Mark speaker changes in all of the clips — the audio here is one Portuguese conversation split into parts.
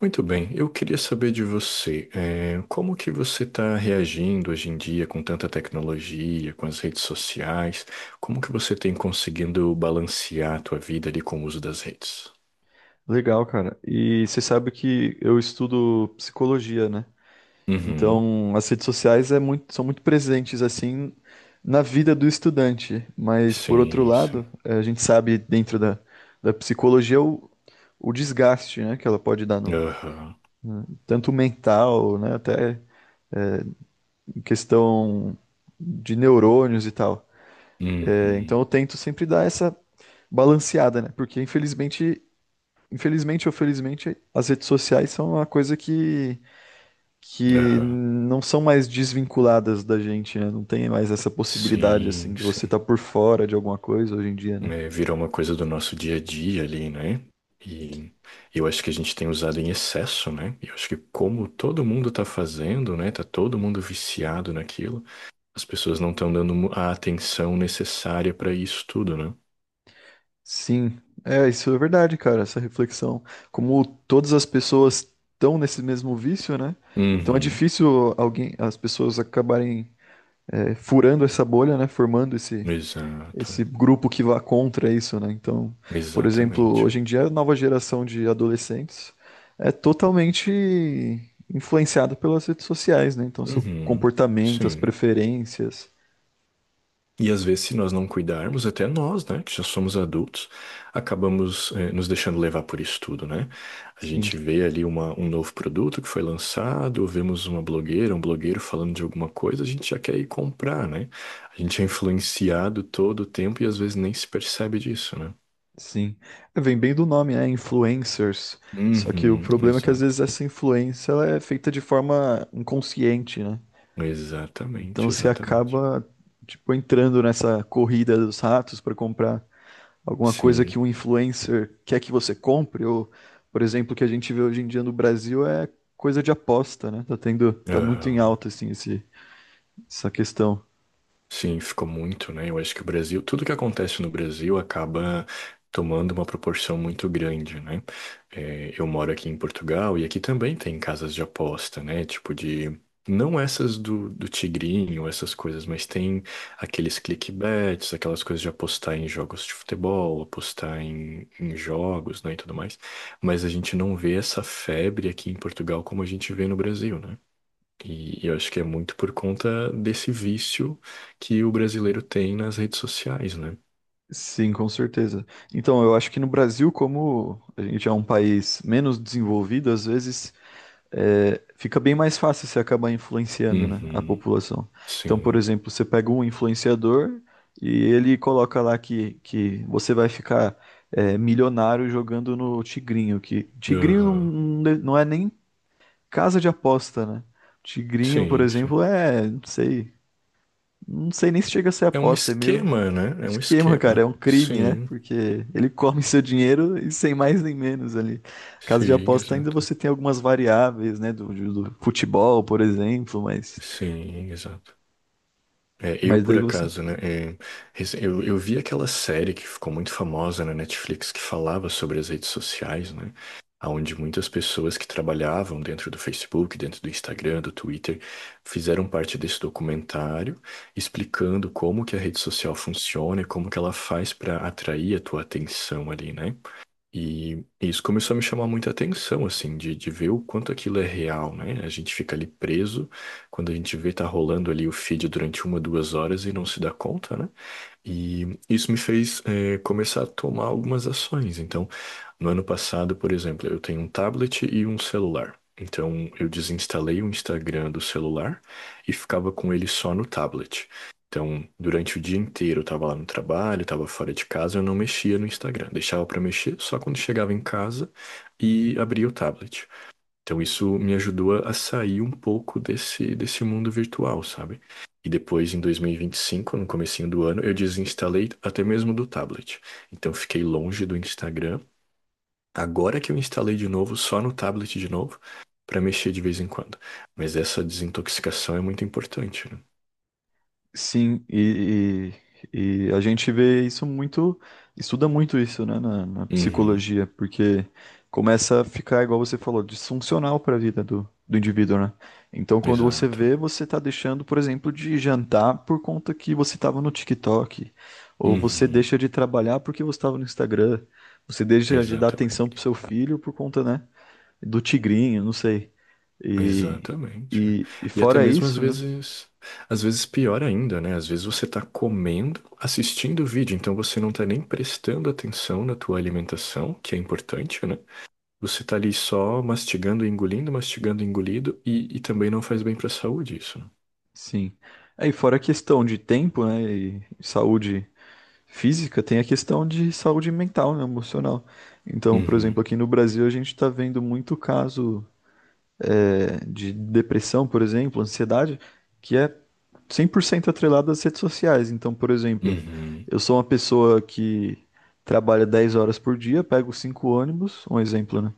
Speaker 1: Muito bem, eu queria saber de você, como que você está reagindo hoje em dia com tanta tecnologia, com as redes sociais? Como que você tem conseguindo balancear a tua vida ali com o uso das redes?
Speaker 2: Legal, cara. E você sabe que eu estudo psicologia, né?
Speaker 1: Uhum,
Speaker 2: Então, as redes sociais são muito presentes, assim, na vida do estudante. Mas, por outro
Speaker 1: sim,
Speaker 2: lado,
Speaker 1: sim.
Speaker 2: a gente sabe, dentro da psicologia, o desgaste, né, que ela pode dar no,
Speaker 1: Aham,
Speaker 2: né, tanto mental, né, até em questão de neurônios e tal. É, então,
Speaker 1: uhum,
Speaker 2: eu tento sempre dar essa balanceada, né? Porque, infelizmente ou felizmente, as redes sociais são uma coisa que
Speaker 1: aham.
Speaker 2: não são mais desvinculadas da gente, né? Não tem mais essa possibilidade, assim,
Speaker 1: Sim,
Speaker 2: de você
Speaker 1: sim.
Speaker 2: estar por fora de alguma coisa hoje em dia, né?
Speaker 1: É, virou uma coisa do nosso dia a dia ali, né? E eu acho que a gente tem usado em excesso, né? Eu acho que como todo mundo tá fazendo, né? Tá todo mundo viciado naquilo. As pessoas não estão dando a atenção necessária para isso tudo, né?
Speaker 2: Sim, é, isso é verdade, cara, essa reflexão. Como todas as pessoas estão nesse mesmo vício, né? Então é
Speaker 1: Uhum,
Speaker 2: difícil alguém, as pessoas acabarem furando essa bolha, né? Formando esse,
Speaker 1: exato,
Speaker 2: esse grupo que vá contra isso, né? Então, por exemplo, hoje
Speaker 1: exatamente.
Speaker 2: em dia a nova geração de adolescentes é totalmente influenciada pelas redes sociais, né? Então, seu
Speaker 1: Uhum,
Speaker 2: comportamento, as
Speaker 1: sim.
Speaker 2: preferências.
Speaker 1: E às vezes, se nós não cuidarmos, até nós, né, que já somos adultos, acabamos, nos deixando levar por isso tudo, né? A
Speaker 2: Sim,
Speaker 1: gente vê ali um novo produto que foi lançado, ou vemos uma blogueira, um blogueiro falando de alguma coisa, a gente já quer ir comprar, né? A gente é influenciado todo o tempo e às vezes nem se percebe disso, né?
Speaker 2: sim. É, vem bem do nome, é influencers. Só que o
Speaker 1: Uhum,
Speaker 2: problema é que às
Speaker 1: exato.
Speaker 2: vezes essa influência ela é feita de forma inconsciente, né? Então
Speaker 1: Exatamente,
Speaker 2: você
Speaker 1: exatamente.
Speaker 2: acaba tipo entrando nessa corrida dos ratos para comprar alguma coisa que
Speaker 1: Sim.
Speaker 2: um influencer quer que você compre, ou, por exemplo, o que a gente vê hoje em dia no Brasil é coisa de aposta, né? Tá tendo, tá muito em
Speaker 1: Aham.
Speaker 2: alta, assim, essa questão.
Speaker 1: Sim, ficou muito, né? Eu acho que o Brasil, tudo que acontece no Brasil acaba tomando uma proporção muito grande, né? É, eu moro aqui em Portugal e aqui também tem casas de aposta, né? Tipo de. Não essas do tigrinho, essas coisas, mas tem aqueles clickbets, aquelas coisas de apostar em jogos de futebol, apostar em jogos, né, e tudo mais. Mas a gente não vê essa febre aqui em Portugal como a gente vê no Brasil, né? E eu acho que é muito por conta desse vício que o brasileiro tem nas redes sociais, né?
Speaker 2: Sim, com certeza. Então, eu acho que no Brasil, como a gente é um país menos desenvolvido, às vezes fica bem mais fácil você acabar influenciando, né, a
Speaker 1: Uhum,
Speaker 2: população. Então, por
Speaker 1: sim,
Speaker 2: exemplo, você pega um influenciador e ele coloca lá que você vai ficar milionário jogando no Tigrinho, que Tigrinho não,
Speaker 1: aham,
Speaker 2: não não é nem casa de aposta, né? Tigrinho, por
Speaker 1: sim, sim.
Speaker 2: exemplo, não sei, não sei nem se chega a ser
Speaker 1: É um
Speaker 2: aposta, é meio.
Speaker 1: esquema, né? É um
Speaker 2: Esquema, cara,
Speaker 1: esquema.
Speaker 2: é um crime, né?
Speaker 1: Sim,
Speaker 2: Porque ele come seu dinheiro e sem mais nem menos ali. Caso de
Speaker 1: sim,
Speaker 2: aposta, ainda
Speaker 1: exato.
Speaker 2: você tem algumas variáveis, né? Do futebol, por exemplo, mas,
Speaker 1: Sim, exato. É, eu,
Speaker 2: mas
Speaker 1: por
Speaker 2: daí você.
Speaker 1: acaso, né? Eu vi aquela série que ficou muito famosa na Netflix que falava sobre as redes sociais, né? Onde muitas pessoas que trabalhavam dentro do Facebook, dentro do Instagram, do Twitter, fizeram parte desse documentário explicando como que a rede social funciona e como que ela faz para atrair a tua atenção ali, né? E isso começou a me chamar muita atenção, assim, de ver o quanto aquilo é real, né? A gente fica ali preso, quando a gente vê tá rolando ali o feed durante 2 horas e não se dá conta, né? E isso me fez começar a tomar algumas ações. Então, no ano passado, por exemplo, eu tenho um tablet e um celular. Então, eu desinstalei o Instagram do celular e ficava com ele só no tablet. Então, durante o dia inteiro, eu estava lá no trabalho, estava fora de casa, eu não mexia no Instagram. Deixava para mexer só quando chegava em casa e abria o tablet. Então isso me ajudou a sair um pouco desse mundo virtual, sabe? E depois, em dois mil e vinte e cinco, no comecinho do ano, eu desinstalei até mesmo do tablet. Então fiquei longe do Instagram. Agora que eu instalei de novo, só no tablet de novo, para mexer de vez em quando. Mas essa desintoxicação é muito importante, né?
Speaker 2: Sim, e a gente vê isso muito, estuda muito isso, né, na
Speaker 1: Uhum,
Speaker 2: psicologia, porque começa a ficar, igual você falou, disfuncional para a vida do indivíduo, né? Então, quando você
Speaker 1: exato.
Speaker 2: vê, você tá deixando, por exemplo, de jantar por conta que você estava no TikTok, ou você
Speaker 1: Uhum,
Speaker 2: deixa de trabalhar porque você estava no Instagram, você deixa de dar atenção
Speaker 1: exatamente.
Speaker 2: pro seu filho por conta, né, do tigrinho, não sei. E,
Speaker 1: Exatamente.
Speaker 2: e
Speaker 1: E até
Speaker 2: fora
Speaker 1: mesmo às
Speaker 2: isso, né?
Speaker 1: vezes, às vezes pior ainda, né? Às vezes você tá comendo, assistindo o vídeo, então você não tá nem prestando atenção na tua alimentação, que é importante, né? Você tá ali só mastigando, engolindo, mastigando, engolido, e também não faz bem pra saúde isso, né?
Speaker 2: Sim. Aí, fora a questão de tempo, né, e saúde física, tem a questão de saúde mental, né, emocional. Então, por
Speaker 1: Uhum,
Speaker 2: exemplo, aqui no Brasil a gente está vendo muito caso de depressão, por exemplo, ansiedade, que é 100% atrelado às redes sociais. Então, por exemplo,
Speaker 1: uhum,
Speaker 2: eu sou uma pessoa que trabalha 10 horas por dia, pego cinco ônibus, um exemplo, né?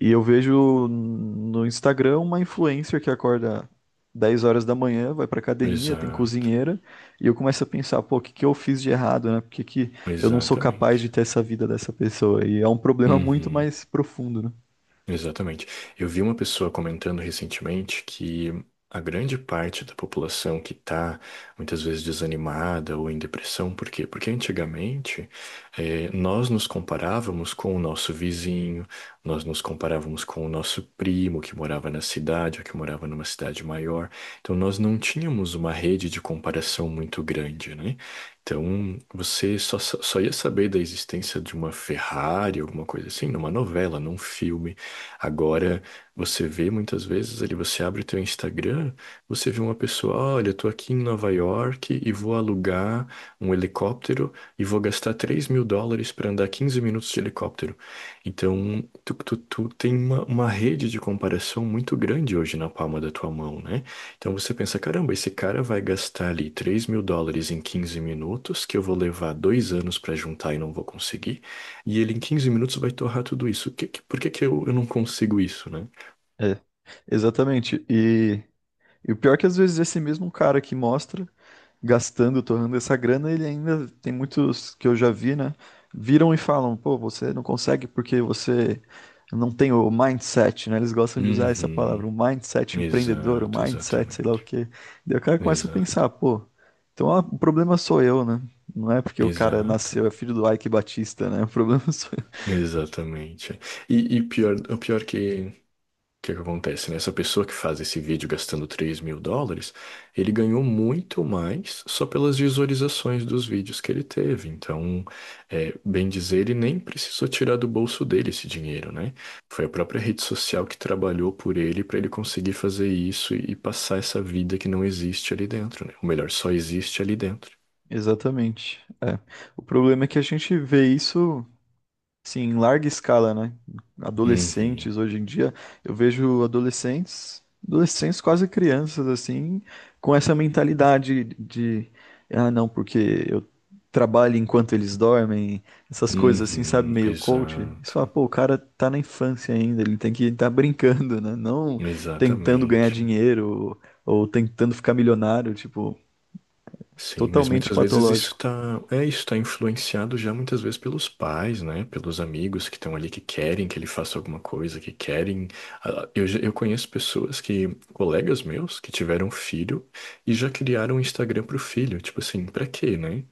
Speaker 2: E eu vejo no Instagram uma influencer que acorda 10 horas da manhã, vai pra academia, tem
Speaker 1: exato,
Speaker 2: cozinheira, e eu começo a pensar, pô, o que que eu fiz de errado, né? Por que que eu não sou capaz de
Speaker 1: exatamente.
Speaker 2: ter essa vida dessa pessoa? E é um problema muito
Speaker 1: Uhum.
Speaker 2: mais profundo, né?
Speaker 1: Exatamente. Eu vi uma pessoa comentando recentemente que a grande parte da população que está muitas vezes desanimada ou em depressão, por quê? Porque antigamente nós nos comparávamos com o nosso vizinho, nós nos comparávamos com o nosso primo que morava na cidade ou que morava numa cidade maior. Então nós não tínhamos uma rede de comparação muito grande, né? Então, você só ia saber da existência de uma Ferrari, alguma coisa assim, numa novela, num filme. Agora, você vê muitas vezes ali, você abre o teu Instagram, você vê uma pessoa, olha, eu tô aqui em Nova York e vou alugar um helicóptero e vou gastar US$ 3.000 para andar 15 minutos de helicóptero. Então, tu tem uma rede de comparação muito grande hoje na palma da tua mão, né? Então você pensa, caramba, esse cara vai gastar ali US$ 3.000 em 15 minutos, que eu vou levar 2 anos para juntar e não vou conseguir. E ele em 15 minutos vai torrar tudo isso. Por que que eu não consigo isso, né?
Speaker 2: É, exatamente. E o pior é que às vezes esse mesmo cara que mostra gastando, torrando essa grana, ele ainda tem muitos que eu já vi, né? Viram e falam, pô, você não consegue porque você não tem o mindset, né? Eles gostam de usar essa palavra,
Speaker 1: Uhum.
Speaker 2: o mindset empreendedor, o
Speaker 1: Exato,
Speaker 2: mindset, sei lá o
Speaker 1: exatamente.
Speaker 2: quê. Daí o cara começa a
Speaker 1: Exato.
Speaker 2: pensar, pô, então ah, o problema sou eu, né? Não é porque o cara
Speaker 1: Exato.
Speaker 2: nasceu, é filho do Ike Batista, né? O problema sou eu.
Speaker 1: Exatamente. E pior, o que que acontece, né? Essa pessoa que faz esse vídeo gastando US$ 3.000, ele ganhou muito mais só pelas visualizações dos vídeos que ele teve. Então, bem dizer, ele nem precisou tirar do bolso dele esse dinheiro, né? Foi a própria rede social que trabalhou por ele para ele conseguir fazer isso e passar essa vida que não existe ali dentro, né? Ou melhor, só existe ali dentro.
Speaker 2: Exatamente. O problema é que a gente vê isso, sim, em larga escala, né?
Speaker 1: Uhum,
Speaker 2: Adolescentes hoje em dia, eu vejo adolescentes, adolescentes quase crianças assim, com essa mentalidade de, ah, não, porque eu trabalho enquanto eles dormem, essas coisas assim, sabe,
Speaker 1: uhum,
Speaker 2: meio coach. Você
Speaker 1: exato,
Speaker 2: fala, pô, o cara tá na infância ainda, ele tem que estar brincando, né? Não tentando ganhar
Speaker 1: exatamente.
Speaker 2: dinheiro ou tentando ficar milionário, tipo,
Speaker 1: Sim, mas
Speaker 2: totalmente
Speaker 1: muitas vezes isso
Speaker 2: patológico.
Speaker 1: está, é, isso está influenciado já muitas vezes pelos pais, né? Pelos amigos que estão ali que querem que ele faça alguma coisa, que querem. Ah, eu conheço pessoas que, colegas meus, que tiveram filho e já criaram um Instagram pro filho. Tipo assim, pra quê, né?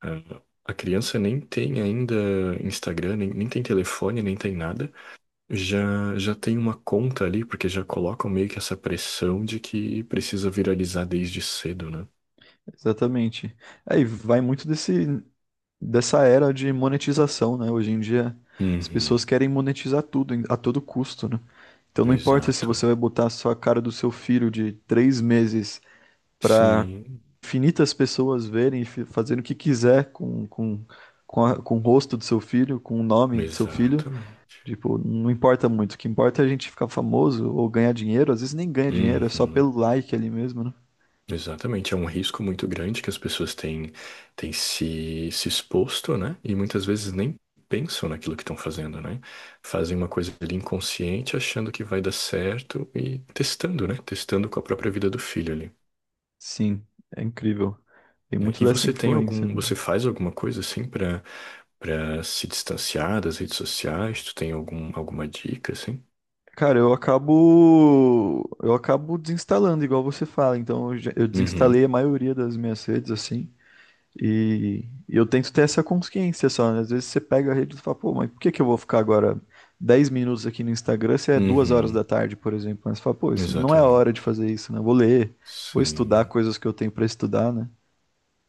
Speaker 1: Ah, a criança nem tem ainda Instagram, nem tem telefone, nem tem nada. Já tem uma conta ali, porque já colocam meio que essa pressão de que precisa viralizar desde cedo, né?
Speaker 2: Exatamente. Aí vai muito desse. Dessa era de monetização, né? Hoje em dia as pessoas
Speaker 1: Uhum.
Speaker 2: querem monetizar tudo a todo custo, né? Então não importa se
Speaker 1: Exato.
Speaker 2: você vai botar só a cara do seu filho de 3 meses para
Speaker 1: Sim,
Speaker 2: infinitas pessoas verem e fazerem o que quiser com o rosto do seu filho, com o nome do seu filho.
Speaker 1: exatamente.
Speaker 2: Tipo, não importa muito. O que importa é a gente ficar famoso ou ganhar dinheiro. Às vezes nem ganha dinheiro, é só
Speaker 1: Uhum,
Speaker 2: pelo like ali mesmo, né?
Speaker 1: exatamente. É um risco muito grande que as pessoas têm se exposto, né? E muitas vezes nem pensam naquilo que estão fazendo, né? Fazem uma coisa ali inconsciente, achando que vai dar certo e testando, né? Testando com a própria vida do filho ali,
Speaker 2: Sim, é incrível. Tem
Speaker 1: né?
Speaker 2: muito
Speaker 1: E
Speaker 2: dessa
Speaker 1: você
Speaker 2: influência
Speaker 1: você
Speaker 2: mesmo.
Speaker 1: faz alguma coisa assim para se distanciar das redes sociais? Tu tem alguma dica assim?
Speaker 2: Cara, eu acabo desinstalando, igual você fala. Então eu
Speaker 1: Uhum,
Speaker 2: desinstalei a maioria das minhas redes assim, e eu tento ter essa consciência só, né? Às vezes você pega a rede e fala, pô, mas por que que eu vou ficar agora 10 minutos aqui no Instagram se é 2 horas da
Speaker 1: uhum,
Speaker 2: tarde, por exemplo? Mas você fala, pô, isso não é a hora de
Speaker 1: exatamente.
Speaker 2: fazer isso, né? Eu vou ler, vou estudar
Speaker 1: Sim.
Speaker 2: coisas que eu tenho pra estudar, né?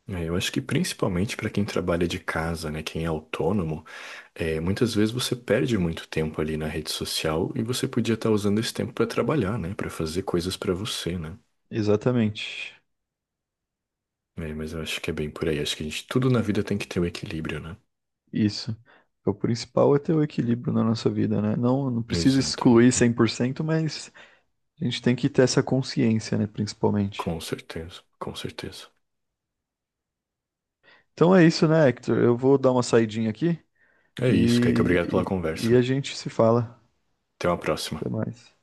Speaker 1: É, eu acho que principalmente para quem trabalha de casa, né, quem é autônomo, muitas vezes você perde muito tempo ali na rede social e você podia estar usando esse tempo para trabalhar, né, para fazer coisas para você, né?
Speaker 2: Exatamente.
Speaker 1: É, mas eu acho que é bem por aí. Acho que a gente, tudo na vida tem que ter um equilíbrio, né?
Speaker 2: Isso. O principal é ter o equilíbrio na nossa vida, né? Não, não precisa excluir
Speaker 1: Exatamente.
Speaker 2: 100%, mas a gente tem que ter essa consciência, né, principalmente.
Speaker 1: Com certeza, com certeza.
Speaker 2: Então é isso, né, Hector? Eu vou dar uma saidinha aqui
Speaker 1: É isso, Kaique. Obrigado pela
Speaker 2: e
Speaker 1: conversa.
Speaker 2: a gente se fala.
Speaker 1: Até uma próxima.
Speaker 2: Até mais.